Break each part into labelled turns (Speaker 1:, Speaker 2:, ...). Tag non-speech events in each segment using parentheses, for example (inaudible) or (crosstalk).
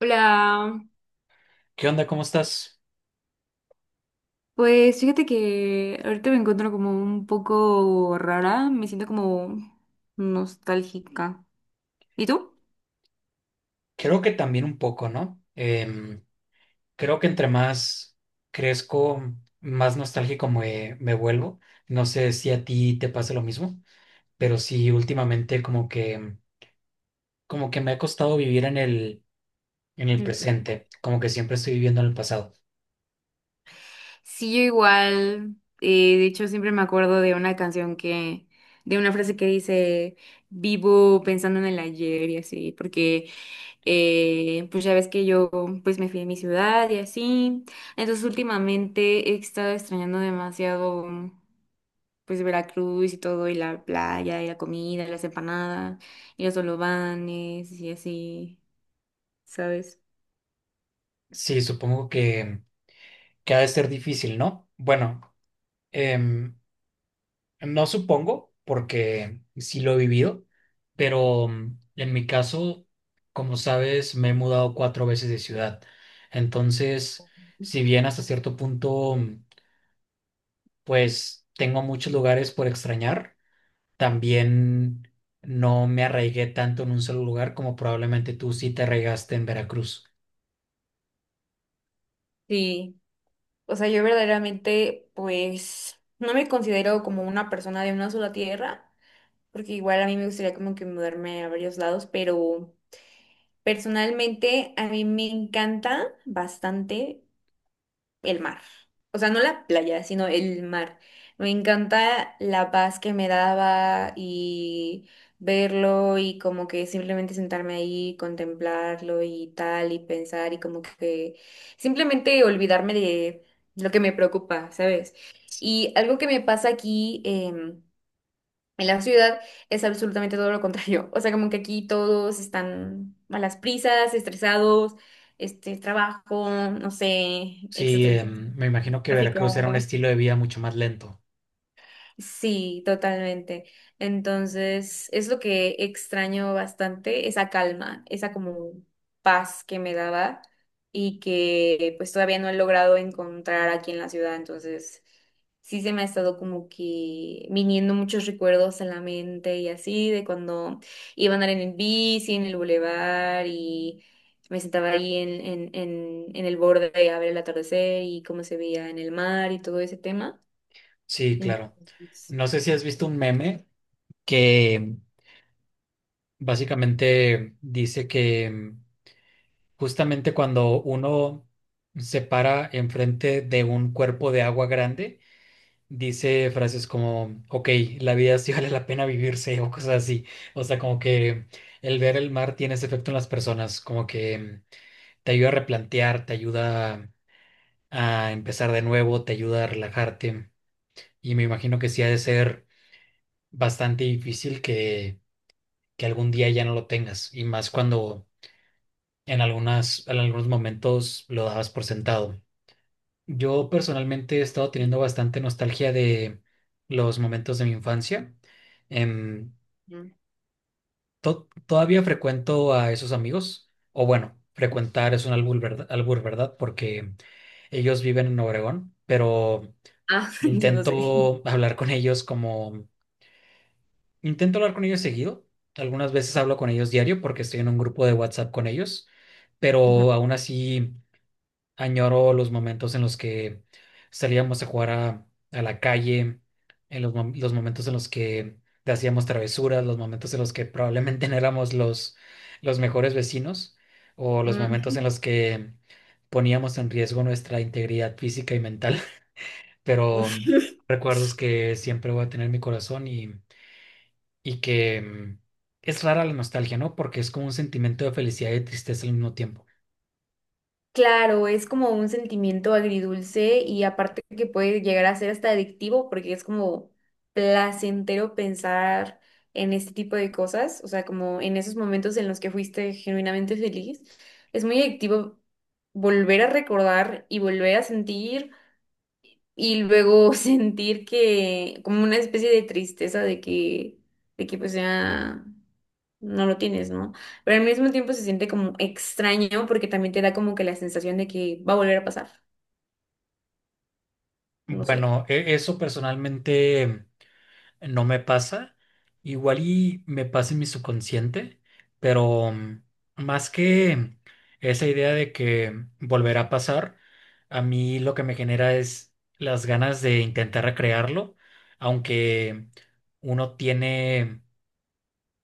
Speaker 1: Hola,
Speaker 2: ¿Qué onda? ¿Cómo estás?
Speaker 1: pues fíjate que ahorita me encuentro como un poco rara, me siento como nostálgica. ¿Y tú?
Speaker 2: Creo que también un poco, ¿no? Creo que entre más crezco, más nostálgico me vuelvo. No sé si a ti te pasa lo mismo, pero sí últimamente como que me ha costado vivir en en el
Speaker 1: Mm, pues,
Speaker 2: presente, como que siempre estoy viviendo en el pasado.
Speaker 1: sí, yo igual. De hecho siempre me acuerdo de una canción de una frase que dice, vivo pensando en el ayer y así, porque pues ya ves que yo pues me fui de mi ciudad y así, entonces últimamente he estado extrañando demasiado. Pues Veracruz y todo, y la playa, y la comida, y las empanadas, y los solobanes, y así, ¿sabes?
Speaker 2: Sí, supongo que ha de ser difícil, ¿no? Bueno, em, no supongo, porque sí lo he vivido, pero en mi caso, como sabes, me he mudado cuatro veces de ciudad. Entonces, si bien hasta cierto punto, pues tengo muchos lugares por extrañar, también no me arraigué tanto en un solo lugar como probablemente tú sí te arraigaste en Veracruz.
Speaker 1: Sí, o sea, yo verdaderamente, pues, no me considero como una persona de una sola tierra, porque igual a mí me gustaría como que mudarme a varios lados, pero personalmente a mí me encanta bastante el mar. O sea, no la playa, sino el mar. Me encanta la paz que me daba y verlo y como que simplemente sentarme ahí, contemplarlo y tal, y pensar y como que simplemente olvidarme de lo que me preocupa, ¿sabes? Y algo que me pasa aquí, en la ciudad es absolutamente todo lo contrario. (laughs) O sea, como que aquí todos están a las prisas, estresados, este, trabajo, no sé,
Speaker 2: Sí,
Speaker 1: etcétera, etcétera.
Speaker 2: me imagino que Veracruz era un
Speaker 1: Tráfico.
Speaker 2: estilo de vida mucho más lento.
Speaker 1: Sí, totalmente. Entonces, es lo que extraño bastante, esa calma, esa como paz que me daba y que pues todavía no he logrado encontrar aquí en la ciudad. Entonces, sí se me ha estado como que viniendo muchos recuerdos en la mente y así, de cuando iba a andar en el bici, en el bulevar y me sentaba ahí en el borde a ver el atardecer y cómo se veía en el mar y todo ese tema.
Speaker 2: Sí, claro.
Speaker 1: Entonces,
Speaker 2: No sé si has visto un meme que básicamente dice que, justamente cuando uno se para enfrente de un cuerpo de agua grande, dice frases como, ok, la vida sí vale la pena vivirse o cosas así. O sea, como que el ver el mar tiene ese efecto en las personas, como que, te ayuda a replantear, te ayuda a empezar de nuevo, te ayuda a relajarte. Y me imagino que sí ha de ser bastante difícil que algún día ya no lo tengas, y más cuando en en algunos momentos lo dabas por sentado. Yo personalmente he estado teniendo
Speaker 1: sí.
Speaker 2: bastante nostalgia de los momentos de mi infancia. Em,
Speaker 1: Mm.
Speaker 2: Todavía frecuento a esos amigos, o bueno, frecuentar es un albur, ¿verdad? Albur, ¿verdad? Porque ellos viven en Obregón, pero
Speaker 1: Ah, (laughs) yo no sé.
Speaker 2: intento hablar con ellos como, intento hablar con ellos seguido. Algunas veces hablo con ellos diario porque estoy en un grupo de WhatsApp con ellos,
Speaker 1: Ujú.
Speaker 2: pero aún así añoro los momentos en los que salíamos a jugar a la calle, en los momentos en los que hacíamos travesuras, los momentos en los que probablemente (laughs) no éramos los mejores vecinos, o los momentos en
Speaker 1: Mm.
Speaker 2: los que poníamos en riesgo nuestra integridad física y mental, (laughs) pero
Speaker 1: (laughs)
Speaker 2: recuerdos que siempre voy a tener en mi corazón y es rara la nostalgia, ¿no? Porque es como un sentimiento de felicidad y de tristeza al mismo tiempo.
Speaker 1: Claro, es como un sentimiento agridulce y aparte que puede llegar a ser hasta adictivo porque es como placentero pensar en este tipo de cosas, o sea, como en esos momentos en los que fuiste genuinamente feliz. Es muy adictivo volver a recordar y volver a sentir y luego (laughs) sentir que como una especie de tristeza de que pues ya... no lo tienes, ¿no? Pero al mismo tiempo se siente como extraño porque también te da como que la sensación de que va a volver a pasar, no sé.
Speaker 2: Bueno, eso personalmente no me pasa. Igual y me pasa en mi subconsciente, pero, más que esa idea de que volverá a pasar, a mí lo que me genera es las ganas de intentar recrearlo, aunque uno tiene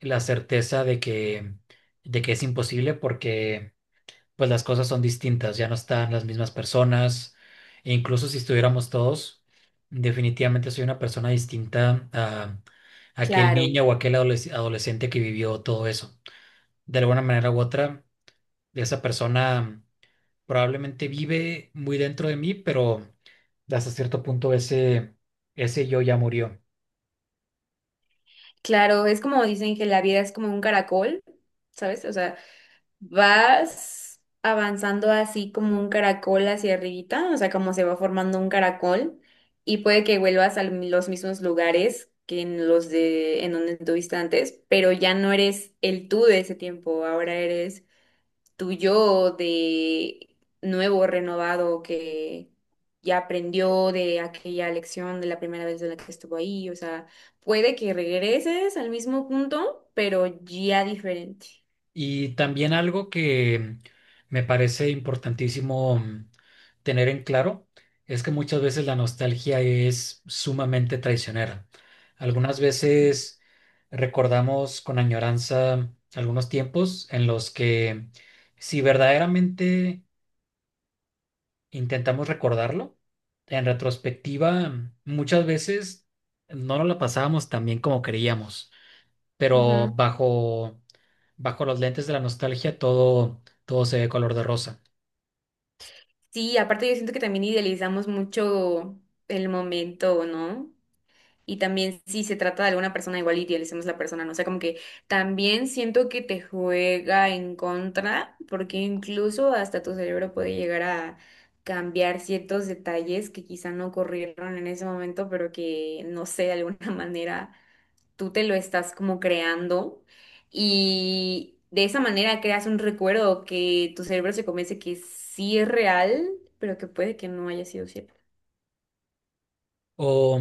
Speaker 2: la certeza de de que es imposible porque pues las cosas son distintas, ya no están las mismas personas, e incluso si estuviéramos todos, definitivamente soy una persona distinta a aquel
Speaker 1: Claro,
Speaker 2: niño o aquel adolescente que vivió todo eso. De alguna manera u otra, esa persona probablemente vive muy dentro de mí, pero hasta cierto punto ese yo ya murió.
Speaker 1: claro, es como dicen que la vida es como un caracol, ¿sabes? O sea, vas avanzando así como un caracol hacia arribita, o sea, como se va formando un caracol y puede que vuelvas a los mismos lugares que en los de en donde estuviste antes, pero ya no eres el tú de ese tiempo, ahora eres tuyo de nuevo, renovado, que ya aprendió de aquella lección de la primera vez de la que estuvo ahí. O sea, puede que regreses al mismo punto, pero ya diferente.
Speaker 2: Y también algo que me parece importantísimo, tener en claro es que muchas veces la nostalgia es sumamente traicionera. Algunas veces recordamos con añoranza algunos tiempos en los que si verdaderamente intentamos recordarlo, en retrospectiva muchas veces no nos la pasábamos tan bien como creíamos, pero
Speaker 1: Ujú.
Speaker 2: bajo los lentes de la nostalgia todo se ve color de rosa.
Speaker 1: Sí, aparte yo siento que también idealizamos mucho el momento, ¿no? Y también si se trata de alguna persona, igual y idealicemos la persona, ¿no? O sea, como que también siento que te juega en contra, porque incluso hasta tu cerebro puede llegar a cambiar ciertos detalles que quizá no ocurrieron en ese momento, pero que, no sé, de alguna (laughs) manera tú te lo estás como creando. Y de esa manera creas un recuerdo que tu cerebro se convence que sí es real, pero que puede que no haya sido cierto.
Speaker 2: O,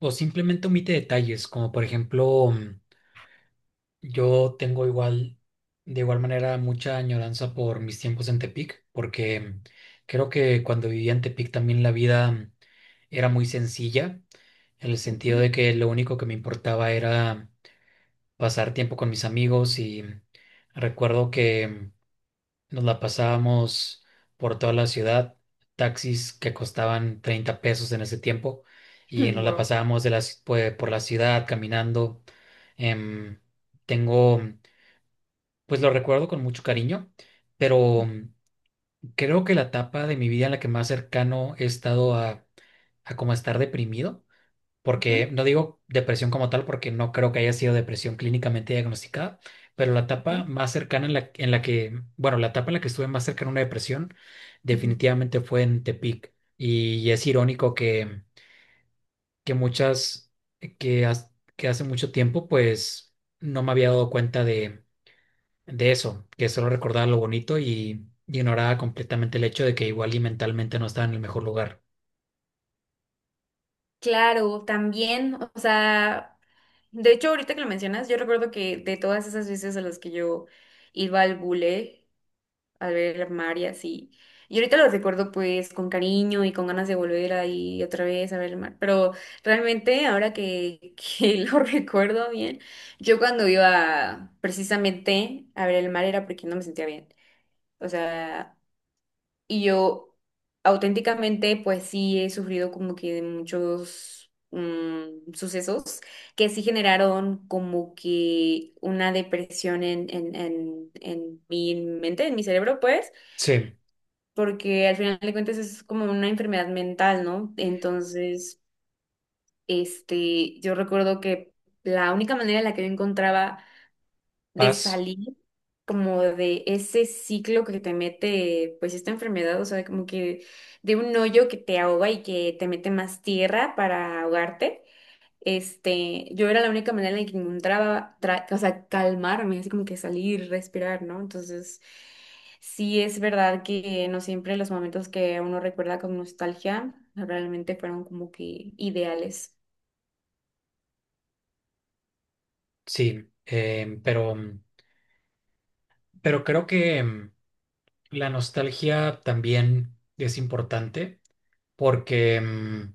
Speaker 2: o simplemente omite detalles, como por ejemplo, yo tengo igual, de igual manera, mucha añoranza por mis tiempos en Tepic, porque, creo que cuando vivía en Tepic también la vida, era muy sencilla, en el sentido
Speaker 1: Ujú.
Speaker 2: de que lo único que me importaba era pasar tiempo con mis amigos y, recuerdo que nos la pasábamos por toda la ciudad, taxis que costaban 30 pesos en ese tiempo,
Speaker 1: (laughs)
Speaker 2: y nos la
Speaker 1: Wow.
Speaker 2: pasábamos de la por la ciudad caminando. Em, Tengo, pues lo recuerdo con mucho cariño, pero, creo que la etapa de mi vida en la que más cercano he estado a como estar deprimido,
Speaker 1: Ujú,
Speaker 2: porque no digo depresión como tal, porque no creo que haya sido depresión clínicamente diagnosticada, pero la
Speaker 1: ujú,
Speaker 2: etapa más cercana en la que, bueno, la etapa en la que estuve más cercana a una depresión
Speaker 1: ujú.
Speaker 2: definitivamente fue en Tepic. Y es irónico que muchas, que, has- que hace mucho tiempo, pues no me había dado cuenta de eso, que solo recordaba lo bonito y ignoraba completamente el hecho de que igual y mentalmente no estaba en el mejor lugar.
Speaker 1: Claro, también, o sea, de hecho ahorita que lo mencionas, yo recuerdo que de todas esas veces a las que yo iba al bule a ver el mar y así, y ahorita lo recuerdo pues con cariño y con ganas de volver ahí otra vez a ver el mar, pero realmente ahora que (laughs) lo recuerdo bien, yo cuando iba precisamente a ver el mar era porque no me sentía bien, o sea... Y yo auténticamente, pues sí he sufrido como que de muchos sucesos que sí generaron como que una depresión en mi mente, en mi cerebro, pues,
Speaker 2: Sí,
Speaker 1: porque al final de cuentas es como una enfermedad mental, ¿no? Entonces, este, yo recuerdo que la única manera en la que yo encontraba de
Speaker 2: paz,
Speaker 1: salir como de ese ciclo que te mete pues esta enfermedad, o sea, como que de un hoyo que te ahoga y que te mete más tierra para ahogarte. Este, yo era la única manera en la que encontraba, o sea, calmarme, así como que salir, respirar, ¿no? Entonces, sí es verdad que no siempre los momentos que uno recuerda con nostalgia realmente fueron como que ideales.
Speaker 2: sí, pero creo que, la nostalgia también es importante porque,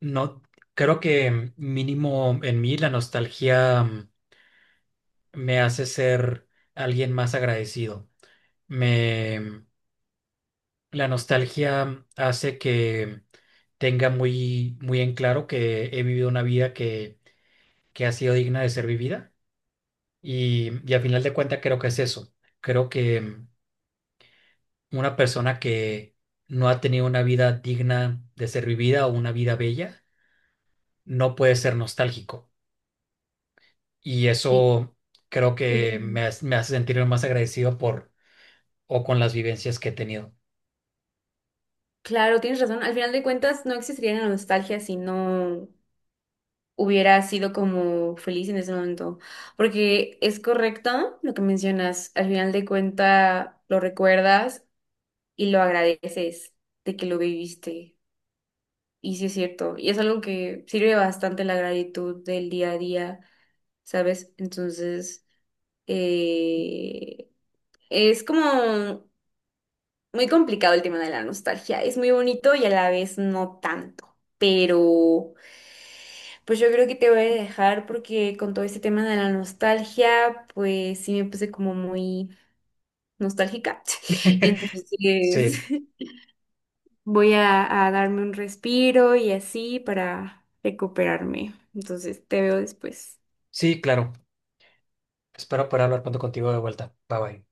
Speaker 2: no creo que, mínimo en mí la nostalgia, me hace ser alguien más agradecido. Me mm, la nostalgia, hace que tenga muy muy en claro que he vivido una vida que ha sido digna de ser vivida, y a final de cuentas creo que es eso. Creo que, una persona que no ha tenido una vida digna de ser vivida o una vida bella, no puede ser nostálgico. Y
Speaker 1: Sí.
Speaker 2: eso creo
Speaker 1: Creo que
Speaker 2: que
Speaker 1: sí.
Speaker 2: me hace sentirme más agradecido por o con las vivencias que he tenido.
Speaker 1: Claro, tienes razón. Al final de cuentas, no existiría la nostalgia si no hubiera sido como feliz en ese momento. Porque es correcto lo que mencionas. Al final de cuentas, lo recuerdas y lo agradeces de que lo viviste. Y sí es cierto. Y es algo que sirve bastante la gratitud del día a día, ¿sabes? Entonces, eh, es como muy complicado el tema de la nostalgia. Es muy bonito y a la vez no tanto. Pero... Pues yo creo que te voy a dejar porque con todo este tema de la nostalgia, pues sí me puse como muy nostálgica. (laughs)
Speaker 2: (laughs)
Speaker 1: Entonces
Speaker 2: Sí,
Speaker 1: (laughs) voy a darme un respiro y así para recuperarme. Entonces te veo después.
Speaker 2: sí, claro. Espero poder hablar pronto contigo de vuelta. Bye bye.